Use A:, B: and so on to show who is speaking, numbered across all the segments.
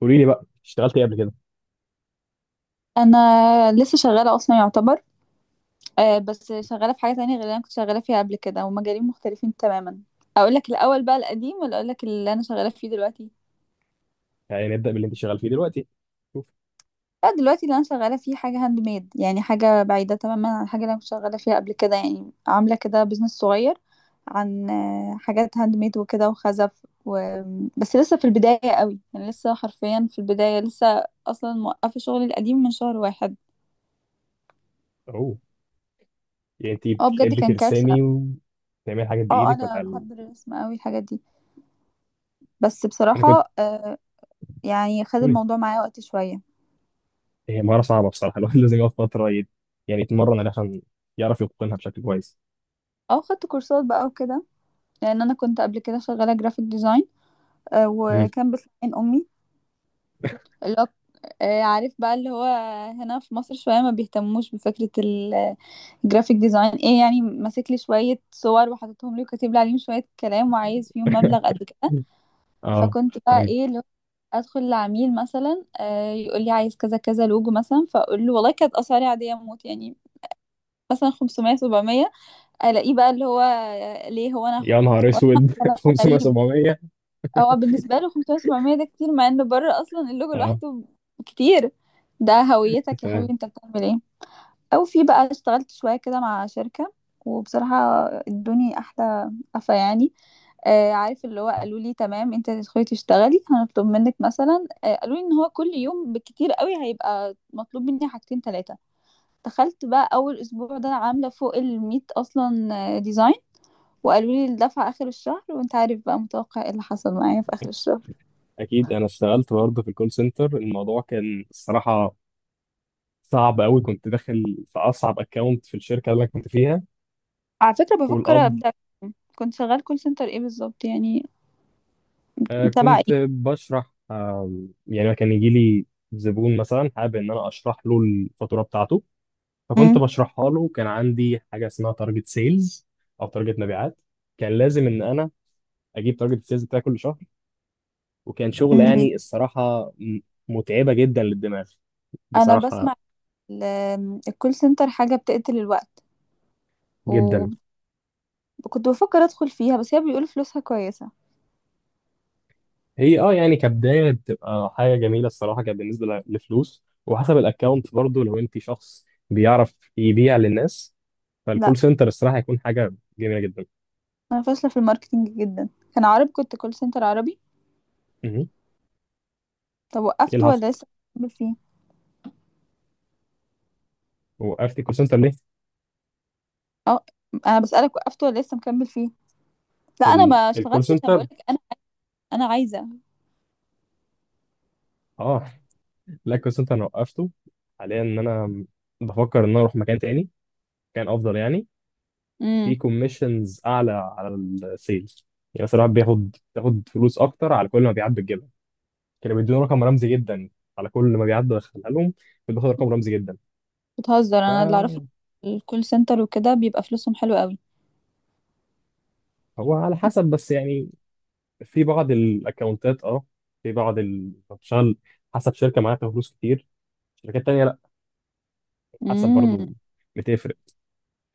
A: قولي لي بقى اشتغلت ايه قبل كده؟
B: انا لسه شغاله اصلا يعتبر. آه، بس شغاله في حاجه تانية غير اللي انا كنت شغاله فيها قبل كده، ومجالين مختلفين تماما. اقول لك الاول بقى القديم ولا اقول لك اللي انا شغاله فيه دلوقتي؟
A: يعني نبدأ باللي انت شغال فيه دلوقتي. شوف.
B: لا، دلوقتي اللي انا شغاله فيه حاجه هاند ميد، يعني حاجه بعيده تماما عن الحاجه اللي انا كنت شغاله فيها قبل كده، يعني عامله كده بزنس صغير عن حاجات هاند ميد وكده وخزف و... بس لسه في البدايه قوي، يعني لسه حرفيا في البدايه، لسه اصلا موقفه شغلي القديم من شهر واحد.
A: اهو. يعني انت
B: اه بجد
A: بتحبي
B: كان كارثه.
A: ترسمي وتعملي حاجات
B: اه
A: بايدك ولا
B: انا بحب الرسم قوي الحاجات دي، بس
A: انا كنت
B: بصراحة، يعني خد
A: قولي.
B: الموضوع معايا وقت شوية،
A: هي مهارة صعبة بصراحة. الواحد لازم يقعد فترة يعني يتمرن عشان يعرف يتقنها بشكل كويس.
B: او خدت كورسات بقى وكده، لان انا كنت قبل كده شغالة جرافيك ديزاين،
A: مم.
B: وكان بتعين امي اللي هو، عارف بقى اللي هو، هنا في مصر شوية ما بيهتموش بفكرة الجرافيك ديزاين ايه، يعني ماسك لي شوية صور وحاططهم لي وكاتب لي عليهم شوية كلام وعايز فيهم مبلغ قد كده.
A: اه،
B: فكنت بقى
A: فاهم.
B: ايه اللي هو ادخل لعميل مثلا، يقول لي عايز كذا كذا لوجو مثلا، فاقول له والله كانت اسعاري عادية موت يعني، مثلا 500 700. الاقيه بقى اللي هو ليه هو انا،
A: يا نهار
B: واسمع
A: اسود.
B: كلام
A: 500
B: غريب.
A: 700.
B: هو بالنسبه له 500 700 ده كتير، مع انه بره اصلا اللوجو
A: اه،
B: لوحده كتير. ده هويتك يا
A: فاهم.
B: حبيبي، انت بتعمل ايه؟ او في بقى اشتغلت شويه كده مع شركه، وبصراحه ادوني احلى قفا يعني. آه، عارف اللي هو قالوا لي تمام انت تدخلي تشتغلي، هنطلب منك مثلا، قالوا لي ان هو كل يوم بالكتير قوي هيبقى مطلوب مني حاجتين ثلاثه. دخلت بقى اول اسبوع ده عامله فوق ال 100 اصلا ديزاين، وقالوا لي الدفعة آخر الشهر، وانت عارف بقى متوقع ايه اللي حصل معايا في آخر الشهر.
A: اكيد انا اشتغلت برضه في الكول سنتر. الموضوع كان الصراحه صعب قوي، كنت داخل في اصعب اكونت في الشركه اللي انا كنت فيها.
B: على فكرة بفكر
A: والاب
B: أبدأ. كنت شغال كول سنتر ايه بالظبط يعني؟ تبع
A: كنت
B: ايه؟
A: بشرح يعني كان يجي لي زبون مثلا حابب ان انا اشرح له الفاتوره بتاعته، فكنت
B: مم.
A: بشرحها له. كان عندي حاجه اسمها تارجت سيلز، او تارجت مبيعات. كان لازم ان انا اجيب تارجت سيلز بتاعي كل شهر، وكان شغل
B: مم.
A: يعني الصراحه متعبه جدا للدماغ،
B: انا
A: بصراحه
B: بسمع ال- الكول سنتر حاجة بتقتل الوقت،
A: جدا.
B: وكنت بفكر ادخل فيها، بس هي بيقولوا فلوسها كويسة.
A: هي اه يعني كبدايه بتبقى حاجه جميله الصراحه، كانت بالنسبه لفلوس، وحسب الاكونت برضه. لو انت شخص بيعرف يبيع للناس
B: لا
A: فالكول سنتر الصراحه هيكون حاجه جميله جدا.
B: انا فاشلة في الماركتينج جدا. كان عربي، كنت كول سنتر عربي.
A: مهم.
B: طب
A: ايه
B: وقفت
A: اللي حصل؟
B: ولا لسه مكمل فيه؟
A: وقفت الكول سنتر ليه؟
B: اه، انا بسألك وقفت ولا لسه مكمل فيه؟ لا انا ما
A: الكول
B: اشتغلتش، انا
A: سنتر.
B: بقولك انا، انا عايزة.
A: اه. لا الكول سنتر انا وقفته، حاليا ان انا بفكر ان انا اروح مكان تاني كان افضل، يعني في كوميشنز اعلى على السيلز. يعني مثلا الواحد بياخد فلوس اكتر على كل ما بيعد بتجيبها. كانوا بيدوني رقم رمزي جدا، على كل ما بيعد بدخلها لهم كنت باخد رقم رمزي جدا.
B: بتهزر؟ انا اللي اعرفه
A: فهو
B: الكول سنتر وكده بيبقى فلوسهم حلوة قوي.
A: على حسب بس يعني، في بعض الاكونتات اه، في بعض بتشتغل حسب شركه. معاها فلوس كتير، شركات تانيه لا، حسب
B: امم.
A: برضه، بتفرق.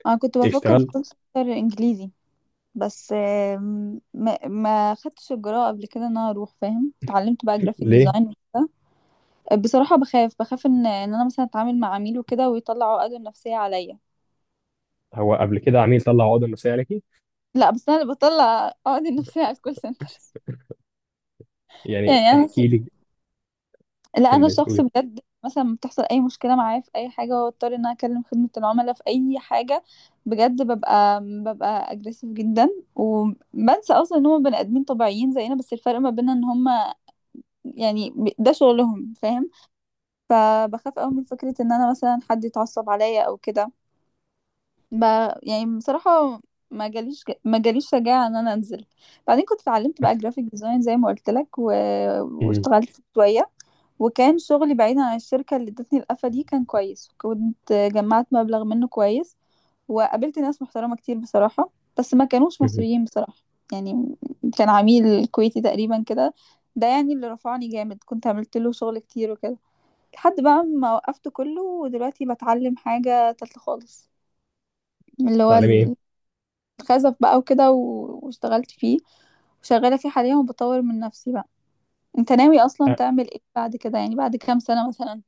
B: انا كنت بفكر في
A: اشتغلت.
B: كول سنتر انجليزي، بس آم، ما ما خدتش الجرأة قبل كده ان انا اروح، فاهم؟ اتعلمت بقى جرافيك
A: ليه؟
B: ديزاين وكده. بصراحة بخاف ان انا مثلا اتعامل مع عميل وكده ويطلع عقده النفسية عليا.
A: هو قبل كده عميل طلع عقده نفسيه عليكي؟
B: لا بس انا اللي بطلع عقدي النفسية على الكول سنتر.
A: يعني
B: يعني انا،
A: احكي لي.
B: لا انا
A: كمل
B: شخص
A: قولي.
B: بجد، مثلا بتحصل اي مشكله معايا في اي حاجه، واضطر ان انا اكلم خدمه العملاء في اي حاجه، بجد ببقى اجريسيف جدا، وبنسى اصلا ان هم بني ادمين طبيعيين زينا، بس الفرق ما بيننا ان هم، يعني ده شغلهم، فاهم؟ فبخاف قوي من فكره ان انا مثلا حد يتعصب عليا او كده، ب... يعني بصراحة ما جاليش شجاعة ان انا انزل. بعدين كنت اتعلمت بقى جرافيك ديزاين زي ما قلت لك،
A: مهم.
B: واشتغلت شوية. وكان شغلي بعيدا عن الشركة اللي ادتني القفة دي كان كويس، وكنت جمعت مبلغ منه كويس، وقابلت ناس محترمة كتير بصراحة، بس ما كانوش
A: مهم.
B: مصريين بصراحة. يعني كان عميل كويتي تقريبا كده، ده يعني اللي رفعني جامد، كنت عملت له شغل كتير وكده، لحد بقى ما وقفت كله، ودلوقتي بتعلم حاجة تالتة خالص، اللي هو
A: تعلمي ايه؟
B: خزف بقى وكده، واشتغلت فيه، وشغالة فيه حاليا، وبطور من نفسي بقى. انت ناوي اصلا
A: أ-
B: تعمل ايه بعد كده، يعني بعد كام سنة مثلا؟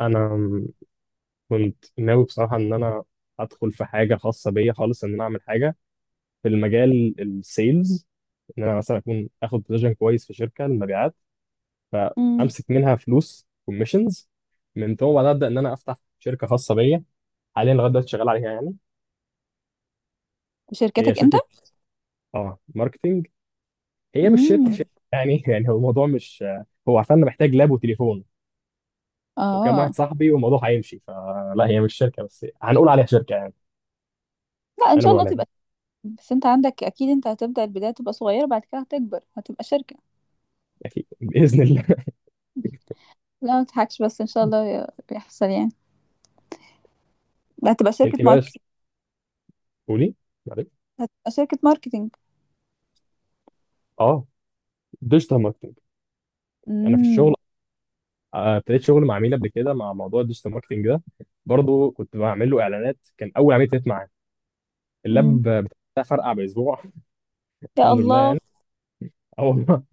A: انا م- كنت ناوي بصراحه ان انا ادخل في حاجه خاصه بيا خالص، ان انا اعمل حاجه في المجال السيلز. ان انا مثلا اكون اخد بوزيشن كويس في شركه المبيعات،
B: امم.
A: فامسك منها فلوس كوميشنز، من ثم بعدها ابدا ان انا افتح شركه خاصه بيا. حاليا لغايه دلوقتي شغال عليها يعني.
B: في
A: هي
B: شركتك انت؟
A: شركه اه ماركتنج. هي مش شركه
B: امم.
A: شركه يعني. يعني هو الموضوع مش، هو عشان انا محتاج لاب وتليفون وكام واحد
B: اه
A: صاحبي والموضوع هيمشي. فلا هي مش شركه، بس هنقول عليها شركه يعني.
B: لا، ان
A: انا
B: شاء
A: بقول
B: الله
A: عليها.
B: تبقى. بس انت عندك اكيد، انت هتبدأ البداية تبقى صغيرة، بعد كده هتكبر، هتبقى شركة.
A: اكيد باذن الله.
B: لا ما تضحكش، بس ان شاء الله يحصل يعني. لا هتبقى شركة
A: انت بقى ش-
B: ماركتينج.
A: قولي. معلش.
B: هتبقى شركة ماركتينج.
A: اه. ديجيتال ماركتنج. انا في الشغل
B: امم.
A: ابتديت شغل مع عميل قبل كده مع موضوع الديجيتال ماركتنج ده، برضه كنت بعمل له اعلانات، كان اول عميل ابتديت معاه. اللاب
B: امم.
A: بتاع فرقع باسبوع.
B: يا
A: الحمد لله
B: الله.
A: يعني. اه والله.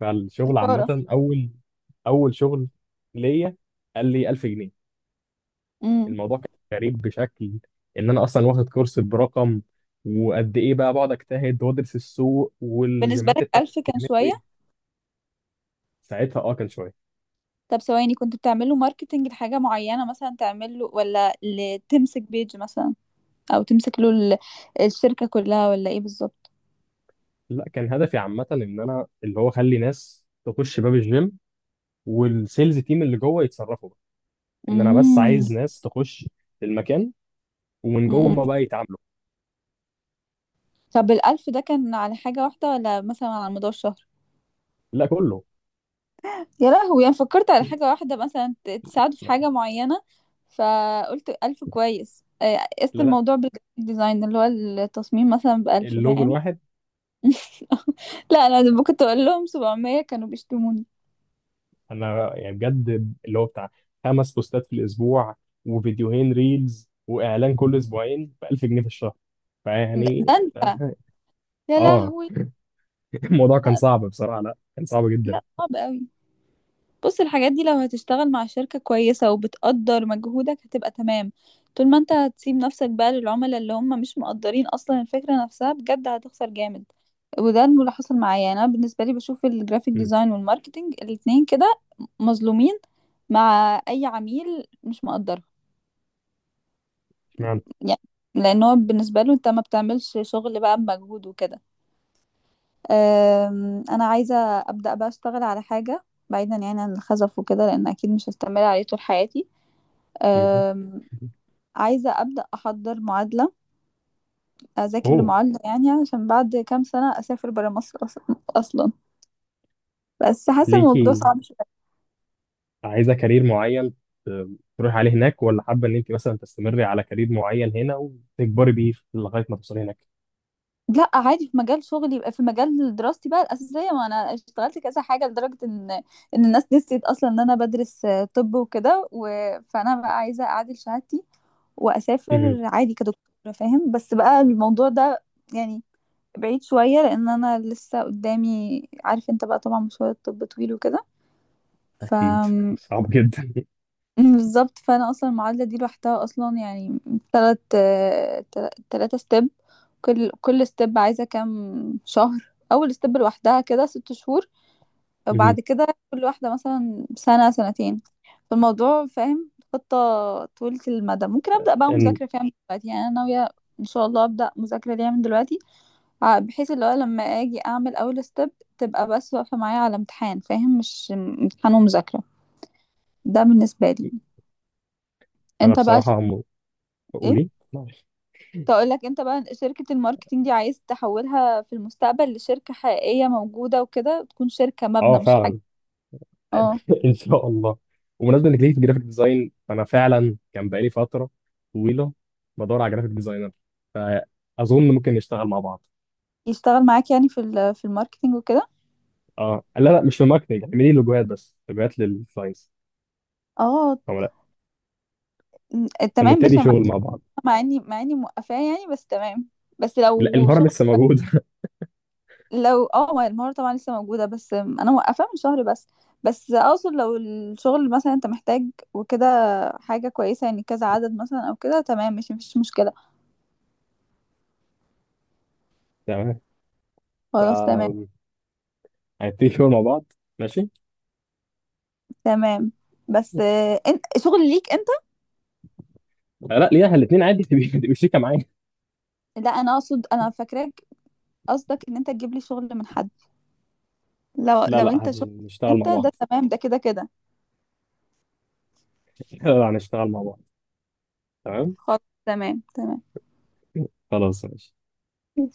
A: فالشغل
B: اشارة.
A: عامه، اول شغل ليا قال لي 1000 جنيه.
B: امم.
A: الموضوع كان غريب بشكل، ان انا اصلا واخد كورس برقم، وقد ايه بقى بقعد اجتهد وادرس السوق
B: بالنسبة
A: والجيمات
B: لك
A: التانية
B: 1000 كان
A: بيعملوا
B: شوية؟
A: ايه. ساعتها اه، كان شويه.
B: طب ثواني، كنت بتعمل له ماركتنج لحاجة معينة مثلا، تعمل له ولا تمسك بيج مثلا، او تمسك له الشركة كلها، ولا ايه بالظبط؟
A: لا كان هدفي عامه ان انا اللي هو اخلي ناس تخش باب الجيم، والسيلز تيم اللي جوه يتصرفوا بقى. ان انا بس
B: امم.
A: عايز ناس تخش المكان، ومن جوه
B: أمم.
A: هما بقى يتعاملوا.
B: طب الـ1000 ده كان على حاجة واحدة، ولا مثلا على مدار الشهر؟
A: لا كله.
B: يا لهوي، يعني فكرت على حاجة واحدة مثلا تساعده في
A: لا،
B: حاجة معينة، فقلت 1000 كويس، قست
A: لا. لا.
B: الموضوع بالجرافيك ديزاين اللي هو التصميم مثلا بـ1000،
A: اللوجو
B: فاهم؟
A: الواحد.
B: لا أنا كنت أقول لهم 700 كانوا بيشتموني.
A: انا يعني بجد اللي هو بتاع خمس بوستات في الاسبوع وفيديوهين ريلز واعلان كل اسبوعين ب 1000 جنيه في الشهر.
B: ده
A: فيعني.
B: ده أنت. يا
A: اه.
B: لهوي.
A: الموضوع كان
B: لا.
A: صعب بصراحه، لا كان صعب جدا.
B: لا صعب قوي. بص الحاجات دي لو هتشتغل مع شركة كويسة وبتقدر مجهودك هتبقى تمام، طول ما انت هتسيب نفسك بقى للعملاء اللي هم مش مقدرين اصلا الفكرة نفسها، بجد هتخسر جامد. وده اللي حصل معايا يعني. انا بالنسبة لي بشوف الجرافيك
A: مم.
B: ديزاين والماركتينج الاتنين كده مظلومين مع اي عميل مش مقدره.
A: اشمعنى.
B: يعني لان هو بالنسبة له انت ما بتعملش شغل بقى بمجهود وكده. انا عايزه ابدا بقى اشتغل على حاجه بعيدا يعني عن الخزف وكده، لان اكيد مش هستمر عليه طول حياتي.
A: مم.
B: أم، عايزه ابدا احضر معادله، اذاكر
A: اوه.
B: لمعادله يعني عشان بعد كام سنه اسافر برا مصر اصلا، بس حاسه الموضوع
A: ليكي
B: صعب شويه.
A: عايزه كارير معين، ت- تروحي عليه هناك، ولا حابه ان انت مثلا تستمري على كارير معين هنا وتكبري بيه لغايه ما توصلي هناك؟
B: لا عادي في مجال شغلي، يبقى في مجال دراستي بقى الاساسيه، ما انا اشتغلت كذا حاجه لدرجه ان الناس نسيت اصلا ان انا بدرس، طب وكده، فانا بقى عايزه اعادل شهادتي
A: مم.
B: واسافر عادي كدكتوره، فاهم؟ بس بقى الموضوع ده يعني بعيد شويه، لان انا لسه قدامي، عارف انت بقى طبعا مشوار الطب طويل وكده. ف
A: اكيد
B: م-
A: صعب جدا.
B: بالظبط. فانا اصلا المعادله دي لوحدها اصلا يعني تلات تلاتة ستيب. كل ستيب عايزه كام شهر. اول ستيب لوحدها كده 6 شهور،
A: مم.
B: وبعد كده كل واحدة مثلا سنة سنتين. فالموضوع، فاهم، خطة طويلة المدى. ممكن أبدأ بقى
A: إن-
B: مذاكرة فيها من دلوقتي، يعني أنا ناوية إن شاء الله أبدأ مذاكرة ليها من دلوقتي، بحيث اللي هو لما أجي أعمل أول ستيب تبقى بس واقفة معايا على امتحان، فاهم؟ مش امتحان ومذاكرة. ده بالنسبة لي.
A: انا
B: أنت بقى ش...
A: بصراحه
B: إيه؟
A: قولي.
B: تقول لك انت بقى شركة الماركتينج دي عايز تحولها في المستقبل لشركة حقيقية موجودة وكده، تكون شركة
A: اه
B: مبنى، مش حاجة.
A: فعلا.
B: اه.
A: ان شاء الله. وبمناسبه انك ليه في الجرافيك ديزاين، فانا فعلا كان بقالي فتره طويله بدور على جرافيك ديزاينر، فاظن ممكن نشتغل مع بعض.
B: يشتغل معاك يعني في في الماركتينج وكده؟
A: اه، لا لا مش في ماركتنج، اعملي لوجوهات بس، لوجوهات للكلاينتس
B: اه.
A: او لا.
B: م، تمام
A: فنبتدي
B: ماشي، انا ما
A: شغل
B: عنديش
A: مع بعض.
B: مع اني موقفاه يعني، بس تمام، بس
A: لا
B: لو
A: المهاره
B: شغل.
A: لسه موجوده.
B: لو اه، ما المهارة طبعا لسه موجودة، بس انا موقفاه من شهر بس. بس اقصد لو الشغل مثلا انت محتاج وكده، حاجة كويسة يعني، كذا عدد مثلا او كده، تمام، مش مفيش مشكلة.
A: تمام. ف
B: خلاص، تمام.
A: هنبتدي شغل مع بعض. ماشي.
B: تمام. بس انت شغل ليك انت؟
A: لا ليها الاثنين عادي. تبقي شريكه معايا.
B: لا انا اقصد، انا فاكراك قصدك ان انت تجيب لي شغل من حد. لو
A: لا لا
B: انت شغل
A: هنشتغل
B: انت
A: مع بعض.
B: ده تمام، ده كده كده.
A: لا لا هنشتغل مع بعض. تمام.
B: خلاص، تمام.
A: خلاص ماشي.
B: تمام.